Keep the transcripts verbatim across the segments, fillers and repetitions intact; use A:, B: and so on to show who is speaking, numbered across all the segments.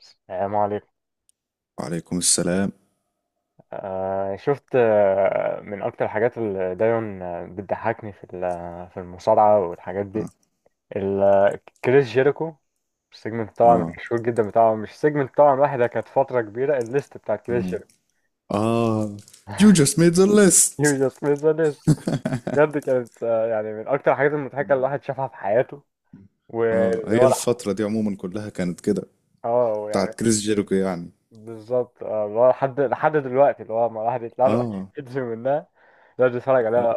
A: السلام عليكم.
B: وعليكم السلام.
A: آه، شفت، آه، من أكتر الحاجات اللي دايما آه، بتضحكني في ال- في المصارعة والحاجات
B: اه.
A: دي. ال- آه، كريس جيريكو. السيجمنت طبعا
B: اه.
A: مشهور جدا بتاعه، مش سيجمنت طبعا واحدة، كانت فترة كبيرة الليست بتاعت كريس
B: اه.
A: جيريكو.
B: آه. You just made the
A: يو
B: list.
A: جاست ميس ليست. بجد كانت، آه، يعني، من أكتر الحاجات المضحكة اللي الواحد شافها في حياته.
B: اه، هي
A: واللي،
B: الفترة دي عموما كلها كانت كده
A: اه يعني،
B: بتاعت كريس جيريكو يعني.
A: بالظبط، آه، اللي هو لحد لحد دلوقتي، اللي هو ما الواحد يطلع له
B: اه.
A: أي فيديو منها يقعد يتفرج عليها،
B: آه.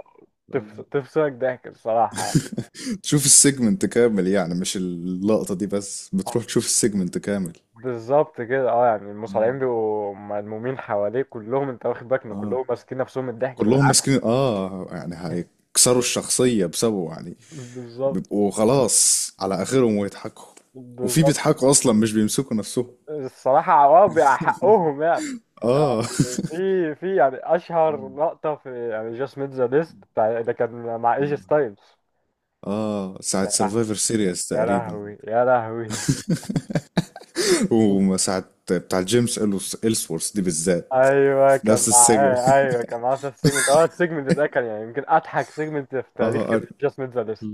A: تفص- تفصلك ضحك الصراحة.
B: تشوف السيجمنت كامل يعني، مش اللقطة دي بس،
A: آه،
B: بتروح تشوف السيجمنت كامل.
A: بالظبط كده، اه يعني
B: اه.
A: المصارعين بيبقوا ملمومين حواليه كلهم، انت واخد بالك ان
B: آه.
A: كلهم ماسكين نفسهم من الضحك
B: كلهم
A: بالعافيه.
B: ماسكين، اه يعني هيكسروا الشخصية بسببه يعني.
A: بالظبط.
B: بيبقوا خلاص على آخرهم ويضحكوا، وفي
A: بالظبط.
B: بيضحكوا أصلا مش بيمسكوا نفسهم.
A: الصراحه اه بيبقى حقهم يعني. يعني
B: اه.
A: في في يعني اشهر لقطه، في يعني جاست ميت ذا ليست، ده كان مع ايجي ستايلز.
B: اه، ساعة
A: يا لهوي،
B: سرفايفر سيريس
A: يا
B: تقريبا.
A: لهوي، يا لهوي.
B: وساعة بتاع جيمس إلسورث دي بالذات،
A: ايوه
B: في
A: كان
B: نفس السجن.
A: معاه، ايوه كان معاه في السيجمنت. اه السيجمنت ده كان يعني يمكن اضحك سيجمنت في تاريخ
B: اه أنا-
A: جاست ميت ذا ليست.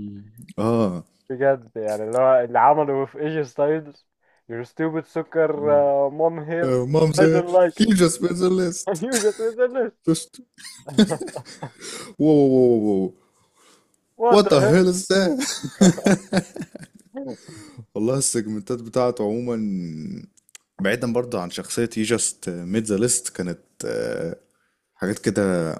B: اه
A: بجد، يعني اللي هو اللي عمله في ايجي ستايلز. your stupid سكر، uh, mom hair.
B: مامز.
A: I don't like it.
B: You just made the list.
A: You just finished.
B: Just. واو واو واو واو.
A: What
B: What the
A: the
B: hell is that.
A: hell.
B: والله السيجمنتات بتاعته عموما، بعيدا برضه عن شخصية you just made the list، كانت آه، حاجات كده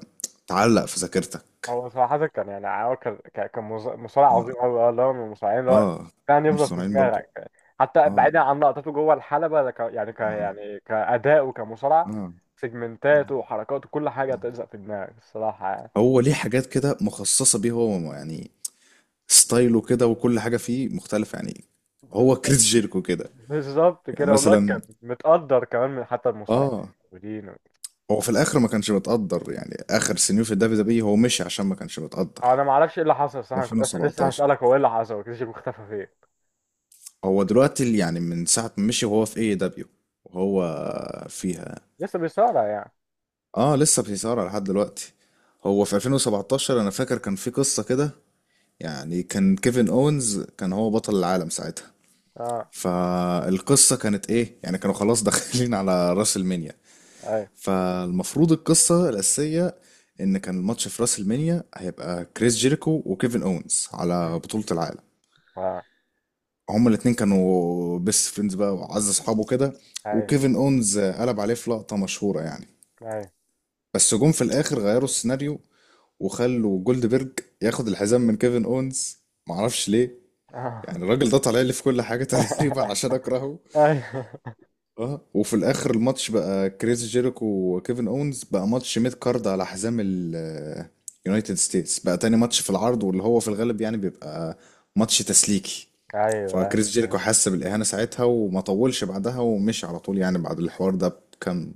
B: تعلق في ذاكرتك.
A: هو صراحة كان يعني، هو كان كان كان مص- مصارع عظيم
B: اه.
A: أوي، أه اللي هو من المصارعين اللي هو
B: آه،
A: كان
B: مش
A: يفضل في
B: صانعين برضه.
A: دماغك. حتى
B: اه.
A: بعيدا عن لقطاته جوه الحلبة، ده ك- يعني ك
B: آه.
A: يعني كأداء وكمصارع.
B: آه. آه.
A: سيجمنتاته وحركاته كل حاجة تلزق في دماغك الصراحة يعني.
B: هو ليه حاجات كده مخصصة بيه هو يعني؟ ستايله كده وكل حاجة فيه مختلفة يعني. هو
A: بز-
B: كريس جيركو كده.
A: بالظبط
B: يعني
A: كده، والله كان
B: مثلا
A: متقدر كمان من حتى
B: اه،
A: المصارعين.
B: هو في الآخر ما كانش متقدر يعني، آخر سنين في الدبليو دبليو هو مشي عشان ما كانش متقدر.
A: انا ما اعرفش ايه اللي حصل، صح؟ كنت اصلا لسه
B: ألفين وسبعتاشر.
A: هسالك، هو ايه اللي حصل؟ كريستيانو شيكو اختفى فين؟
B: هو دلوقتي ال- يعني من ساعة ما مشي وهو في اي دبليو، وهو فيها.
A: لسه بيصارع يعني؟
B: اه، لسه في إثارة لحد دلوقتي. هو في ألفين وسبعتاشر انا فاكر كان في قصة كده. يعني كان كيفن اونز كان هو بطل العالم ساعتها.
A: اه،
B: فالقصة كانت ايه يعني، كانوا خلاص داخلين على راس المنيا.
A: اي،
B: فالمفروض القصة الأساسية ان كان الماتش في راس المنيا هيبقى كريس جيريكو وكيفن اونز على بطولة العالم.
A: اه،
B: هما الاتنين كانوا بيست فريندز بقى وعز اصحابه كده.
A: اي،
B: وكيفن اونز قلب عليه في لقطة مشهورة يعني.
A: اي،
B: بس جم في الاخر غيروا السيناريو، وخلوا جولدبرج ياخد الحزام من كيفن اونز، معرفش ليه.
A: آه.
B: يعني الراجل ده طالع لي في كل حاجة تقريبا عشان اكرهه.
A: ايوه،
B: اه، وفي الاخر الماتش بقى كريس جيريكو وكيفن اونز، بقى ماتش ميد كارد على حزام اليونايتد ستيتس، بقى تاني ماتش في العرض، واللي هو في الغالب يعني بيبقى ماتش تسليكي.
A: ايوه،
B: فكريس جيريكو
A: ايوه.
B: حس بالاهانه ساعتها، وما طولش بعدها ومشي على طول، يعني بعد الحوار ده بكام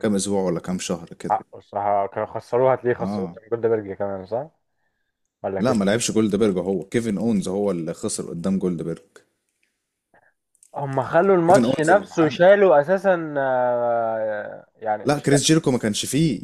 B: كام اسبوع ولا كام شهر كده.
A: حقه الصراحه، كانوا خسروها، هتلاقيه خسروه
B: اه.
A: من جولدبرج كمان، صح ولا
B: لا، ما
A: كسب؟
B: لعبش جولدبرج، هو كيفن اونز هو اللي خسر قدام جولدبرج.
A: هم خلوا
B: كيفن
A: الماتش
B: اونز اللي
A: نفسه،
B: معانا،
A: شالوا اساسا، آه، يعني
B: لا
A: ش-
B: كريس جيريكو ما كانش فيه.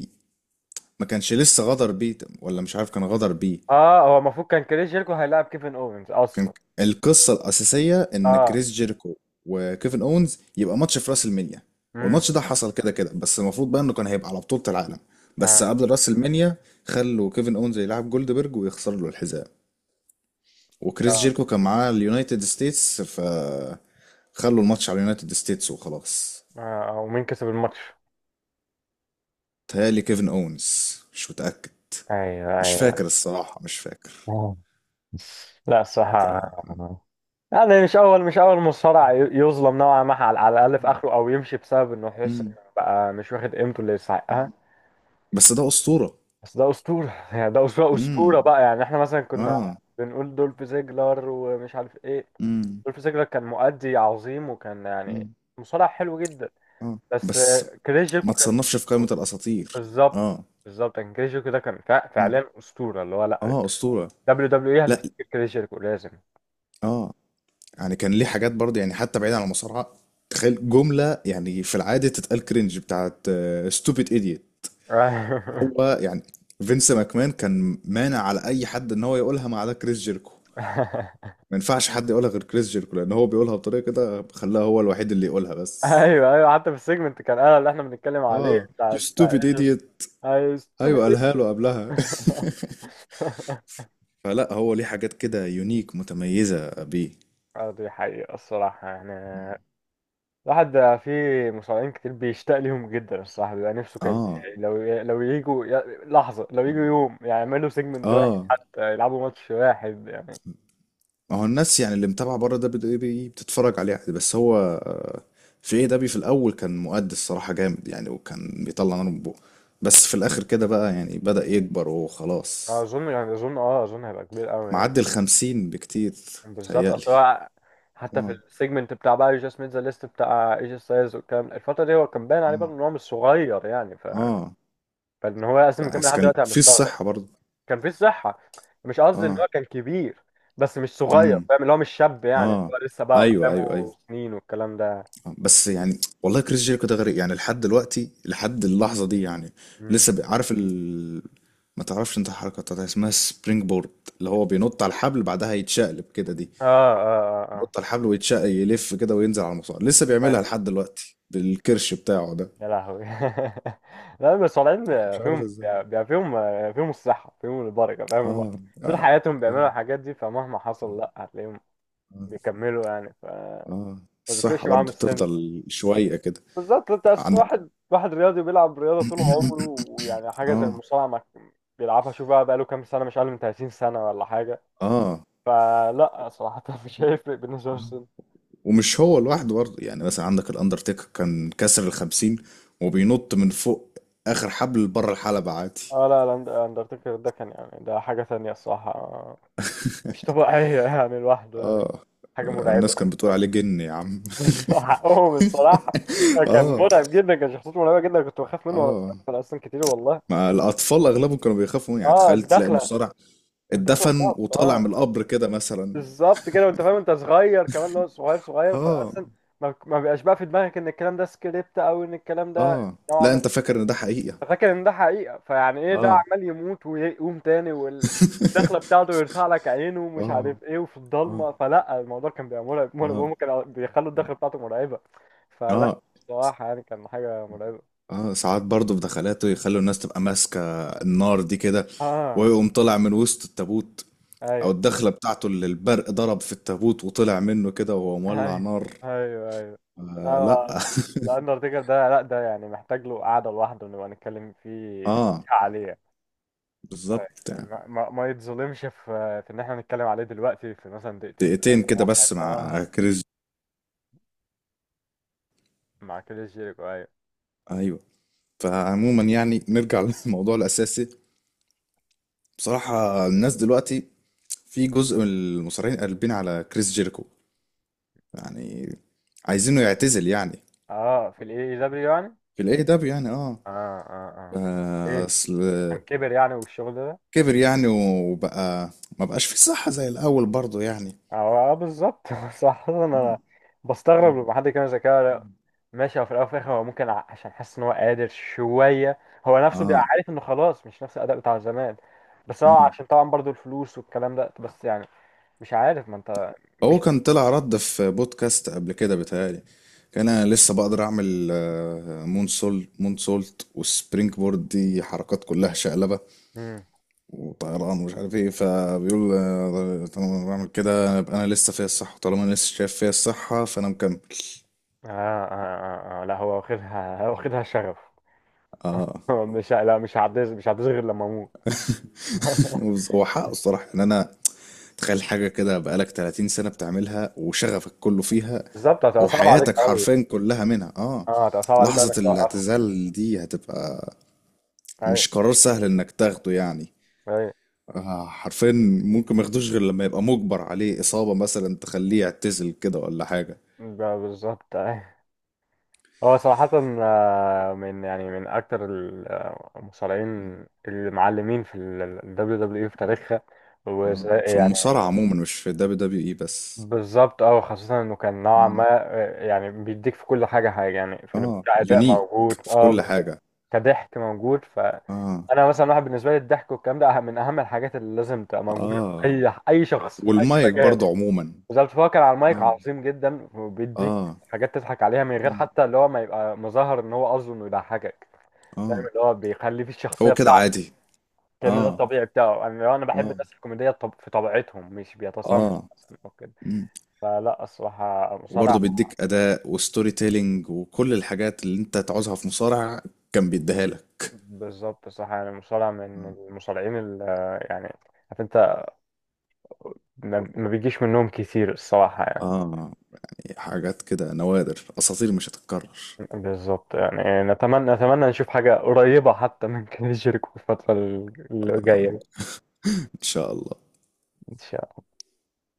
B: ما كانش لسه غدر بيه، ولا مش عارف كان غدر بيه.
A: اه هو المفروض كان كريس جيركو هيلاعب كيفن اوينز
B: كان.
A: اصلا.
B: القصة الأساسية إن
A: اه.
B: كريس جيريكو وكيفن أونز يبقى ماتش في راس المنيا.
A: امم.
B: والماتش ده حصل كده كده، بس المفروض بقى إنه كان هيبقى على بطولة العالم، بس
A: اه.
B: قبل راس المنيا. خلوا كيفن أونز يلعب جولدبرج ويخسر له الحزام. وكريس
A: اه.
B: جيريكو كان معاه اليونايتد ستيتس، ف خلوا الماتش على اليونايتد ستيتس وخلاص.
A: آه، ومين كسب الماتش؟
B: تهيألي كيفن أونز، مش متأكد، مش
A: ايوه.
B: فاكر الصراحة، مش فاكر.
A: ايوه. لا الصراحة يعني، مش أول مش أول مصارع ي- يظلم نوعا ما، على على الأقل في آخره، أو يمشي بسبب إنه يحس
B: مم.
A: إنه بقى مش واخد قيمته اللي يستحقها.
B: بس ده أسطورة.
A: بس ده أسطورة. يعني ده أسطورة،
B: امم.
A: أسطورة بقى، يعني إحنا مثلا كنا
B: اه.
A: بنقول دولف زيجلر ومش عارف إيه.
B: امم.
A: دولف زيجلر كان مؤدي عظيم، وكان يعني مصارع حلو جدا،
B: اه
A: بس
B: بس.
A: آه، كريس جيركو
B: ما
A: كان
B: تصنفش في قائمة
A: أسطورة.
B: الأساطير.
A: بالظبط،
B: اه.
A: بالظبط، كان كريس جيركو ده كان فع-
B: مم.
A: فعلا أسطورة، اللي هو لا.
B: اه أسطورة.
A: دبليو دبليو إيه
B: لا.
A: هتفتكر كريس جيركو لازم.
B: اه، يعني كان ليه حاجات برضه يعني، حتى بعيد عن المصارعة. تخيل جملة يعني في العادة تتقال كرنج، بتاعت ستوبيد ايديوت. هو يعني فينس ماكمان كان مانع على أي حد إن هو يقولها ما عدا كريس جيركو. ما ينفعش حد يقولها غير كريس جيركو، لأن هو بيقولها بطريقة كده خلاها هو الوحيد اللي يقولها بس.
A: ايوه، ايوه، حتى في السيجمنت كان، انا اللي احنا بنتكلم عليه،
B: اه،
A: بتاع
B: يو
A: بتاع
B: ستوبيد
A: ايش؟
B: ايديوت.
A: اي ستوبيد.
B: أيوه قالها له قبلها. فلا هو ليه حاجات كده يونيك متميزة بيه.
A: اه دي حقيقة الصراحة يعني.
B: مم.
A: الواحد، في مصارعين كتير بيشتاق ليهم جدا الصراحة، بيبقى نفسه كان
B: اه.
A: لو لو يجوا ي- لحظة، لو يجوا يوم يعني يعملوا سيجمنت واحد،
B: اه،
A: حتى يلعبوا ماتش واحد يعني.
B: ما هو الناس يعني اللي متابعة بره ده بت- بي- بتتفرج عليه عادي، بس هو آه، في ايه دبي في الاول كان مؤدي الصراحة جامد يعني، وكان بيطلع نار من بقه. بس في الاخر كده بقى يعني بدأ يكبر وخلاص.
A: أظن، يعني أظن، أه أظن هيبقى كبير أوي يعني.
B: معدي الخمسين بكتير،
A: بالظبط،
B: تهيألي.
A: اصل هو حتى في
B: اه.
A: السيجمنت بتاع بقى جاست ميت ذا ليست بتاع ايجي ستايلز والكلام، الفتره دي هو كان باين عليه برضه
B: اه.
A: ان هو مش صغير يعني ف...
B: اه.
A: فان هو اصلا مكمل
B: بس
A: لحد
B: كان
A: دلوقتي، انا
B: في
A: مستغرب.
B: الصحة برضه.
A: كان في صحه. مش قصدي ان
B: اه.
A: هو كان كبير، بس مش صغير،
B: امم.
A: فاهم، اللي هو مش شاب يعني، اللي
B: اه.
A: هو لسه بقى
B: ايوه ايوه ايوه.
A: قدامه سنين والكلام ده.
B: بس يعني والله كريس جيريكو ده غريب يعني، لحد دلوقتي لحد اللحظة دي يعني.
A: امم.
B: لسه بي- عارف ال... ما تعرفش انت الحركة بتاعتها اسمها سبرينج بورد، اللي هو بينط على الحبل بعدها يتشقلب كده دي.
A: اه. اه. اه. اه.
B: ينط على الحبل ويتشقلب يلف كده وينزل على المصارع. لسه
A: فاهم.
B: بيعملها لحد دلوقتي بالكرش بتاعه ده.
A: يا لهوي. لا بس طالعين،
B: أنا مش عارف
A: فيهم،
B: ازاي.
A: بيبقى فيهم، فيهم الصحه، فيهم البركه، فاهم.
B: اه.
A: هم طول
B: اه.
A: حياتهم
B: اه.
A: بيعملوا الحاجات دي، فمهما حصل لا هتلاقيهم
B: اه.
A: بيكملوا يعني، فما
B: آه. الصحة
A: بيفرقش معاهم
B: برضه
A: السن.
B: بتفضل شوية كده.
A: بالظبط، انت اصل
B: عندك.
A: واحد واحد رياضي بيلعب رياضه طول عمره، ويعني حاجه زي
B: اه.
A: المصارعه ما بيلعبها، شوف بقى بقاله كام سنه، مش اقل من تلاتين سنه ولا حاجه.
B: اه.
A: فلا صراحه، مش هيفرق بالنسبه
B: آه.
A: للسن.
B: ومش هو لوحده برضه، يعني مثلا عندك الاندرتيكر كان كسر الخمسين، وبينط من فوق اخر حبل بره الحلبة عادي.
A: اه لا لا، الاند- الاندرتيكر ده كان يعني ده حاجه تانية الصراحه، آه، مش طبيعيه، يعني لوحده يعني
B: اه،
A: حاجه مرعبه.
B: الناس كانت بتقول عليه جن يا عم.
A: بس حقهم الصراحه، كان
B: اه.
A: مرعب جدا، كان شخصيته مرعبه جدا، كنت بخاف منه وانا
B: اه.
A: صغير اصلا كتير والله.
B: ما الاطفال اغلبهم كانوا بيخافوا منه، يعني
A: اه
B: تخيل تلاقي
A: الدخله،
B: مصارع
A: الدخله بتاعته،
B: اتدفن وطالع
A: اه
B: من القبر كده مثلا.
A: بالظبط كده. وانت فاهم انت صغير كمان، اللي هو صغير صغير،
B: اه.
A: فاصلا ما ما بيبقاش بقى في دماغك ان الكلام ده سكريبت، او ان الكلام ده
B: اه
A: نوعا
B: لا، انت
A: ما،
B: فاكر ان ده حقيقة.
A: فاكر ان ده حقيقه، فيعني ايه ده
B: اه.
A: عمال يموت ويقوم تاني وال- والدخله بتاعته يرفع لك عينه ومش
B: اه.
A: عارف ايه وفي
B: اه.
A: الضلمه، فلا الموضوع كان بيبقى مرعب مرعب،
B: اه.
A: هم كانوا بيخلوا الدخله بتاعته مرعبه. فلا
B: اه.
A: بصراحه يعني كان حاجه مرعبه.
B: اه، ساعات برضه في دخلاته يخلوا الناس تبقى ماسكة النار دي كده،
A: اه.
B: ويقوم طلع من وسط التابوت، او
A: ايوه،
B: الدخلة بتاعته اللي البرق ضرب في التابوت وطلع منه كده وهو مولع
A: ايوه،
B: نار.
A: ايوه، ايوه،
B: آه لا.
A: أيوة. الاندرتيكر ده لا، ده يعني محتاج له قعده لوحده نبقى نتكلم فيه
B: اه.
A: عليه
B: بالظبط
A: يعني،
B: يعني.
A: ما, ما, ما يتظلمش في، في ان احنا نتكلم عليه دلوقتي في مثلا دقيقتين
B: دقيقتين
A: ثلاثه
B: كده
A: ولا
B: بس
A: حاجه. اه
B: مع كريس.
A: مع كل جيريكو، ايوه.
B: ايوه. فعموما يعني نرجع للموضوع الاساسي. بصراحة الناس دلوقتي في جزء من المصارعين قلبين على كريس جيريكو، يعني عايزينه يعتزل يعني.
A: اه في الاي، اي دبليو يعني.
B: في الاي دبليو يعني، اه.
A: اه. اه. اه. آه.
B: آه،
A: ايه،
B: اصل
A: عشان كبر يعني والشغل ده.
B: كبر يعني وبقى ما بقاش فيه صحة زي الأول برضه يعني.
A: اه. آه، بالظبط. صح،
B: اه.
A: انا بستغرب
B: مم.
A: لما حد يتكلم زي كده. ماشي، هو في الاول وفي الاخر هو ممكن ع- عشان حاسس ان هو قادر شويه، هو نفسه بيبقى
B: اه.
A: عارف انه خلاص مش نفس الاداء بتاع زمان، بس هو
B: مم.
A: عشان طبعا برضو الفلوس والكلام ده، بس يعني مش عارف، ما انت،
B: هو
A: مش.
B: كان طلع رد في بودكاست قبل كده بيتهيألي، كان انا لسه بقدر اعمل آه، مون سول مون سولت والسبرينج بورد، دي حركات كلها شقلبه
A: مم.
B: وطيران ومش عارف ايه. فبيقول آه، طالما انا بعمل كده يبقى انا لسه فيا الصحه، طالما انا لسه شايف فيا الصحه فانا مكمل.
A: آه, آه, آه, آه لا هو واخدها، هو واخدها شغف.
B: اه.
A: هو مش ه- لا، مش هعديها، مش هعديها غير لما اموت.
B: هو حقه الصراحه، ان انا تخيل حاجة كده بقالك 30 سنة بتعملها وشغفك كله فيها،
A: بالظبط، هتبقى صعبة عليك
B: وحياتك
A: قوي.
B: حرفيا كلها منها. اه.
A: اه هتبقى صعبة عليك قوي
B: لحظة
A: انك توقفها.
B: الاعتزال دي هتبقى
A: ايوه.
B: مش قرار سهل انك تاخده يعني.
A: ايوه.
B: آه حرفيا. ممكن ما ياخدوش غير لما يبقى مجبر عليه، إصابة مثلا تخليه يعتزل كده ولا حاجة.
A: ب- بالظبط. ايوه. هو صراحة، آه، من يعني، من أكتر ال- آه، المصارعين المعلمين في ال دبليو دبليو إي في تاريخها. وزي
B: اه، في
A: يعني،
B: المصارعة عموما مش في الدبليو دبليو اي بس.
A: بالظبط، اه خاصة إنه كان نوعا
B: اه.
A: ما، آه، يعني بيديك في كل حاجة، حاجة يعني، في
B: اه
A: كأداء
B: يونيك
A: موجود
B: في
A: اه
B: كل
A: بالظبط،
B: حاجة.
A: كضحك موجود،
B: اه.
A: فأنا مثلا، واحد بالنسبة لي الضحك والكلام ده أهم- من أهم الحاجات اللي لازم تبقى موجودة في
B: اه،
A: أي، أي شخص في أي
B: والمايك
A: مكان.
B: برضه عموما.
A: بالظبط، فهو كان على المايك
B: اه.
A: عظيم جدا، وبيديك
B: اه.
A: حاجات تضحك عليها من غير
B: مم.
A: حتى اللي هو ما يبقى مظاهر إن هو قصده إنه يضحكك، فاهم،
B: اه.
A: اللي هو بيخليه في الشخصية
B: هو كده
A: بتاعته
B: عادي.
A: كأن ده
B: اه.
A: الطبيعي بتاعه. أنا لو، أنا بحب
B: اه.
A: الناس الكوميدية الطب- في طبيعتهم، مش بيتصنع
B: اه.
A: مثلا أو كده.
B: مم.
A: فلا الصراحة مصارع،
B: وبرضه بيديك اداء وستوري تيلينج وكل الحاجات اللي انت تعوزها في مصارع كان بيديها لك.
A: بالظبط الصراحة يعني مصارع من المصارعين اللي يعني، عارف أنت، ما ما بيجيش منهم كتير الصراحة يعني.
B: اه، حاجات كده نوادر، اساطير مش هتتكرر.
A: بالظبط يعني، نتمنى، نتمنى نشوف حاجة قريبة حتى من كده جيركو في الفترة اللي جاية.
B: ان شاء الله.
A: إن شاء الله.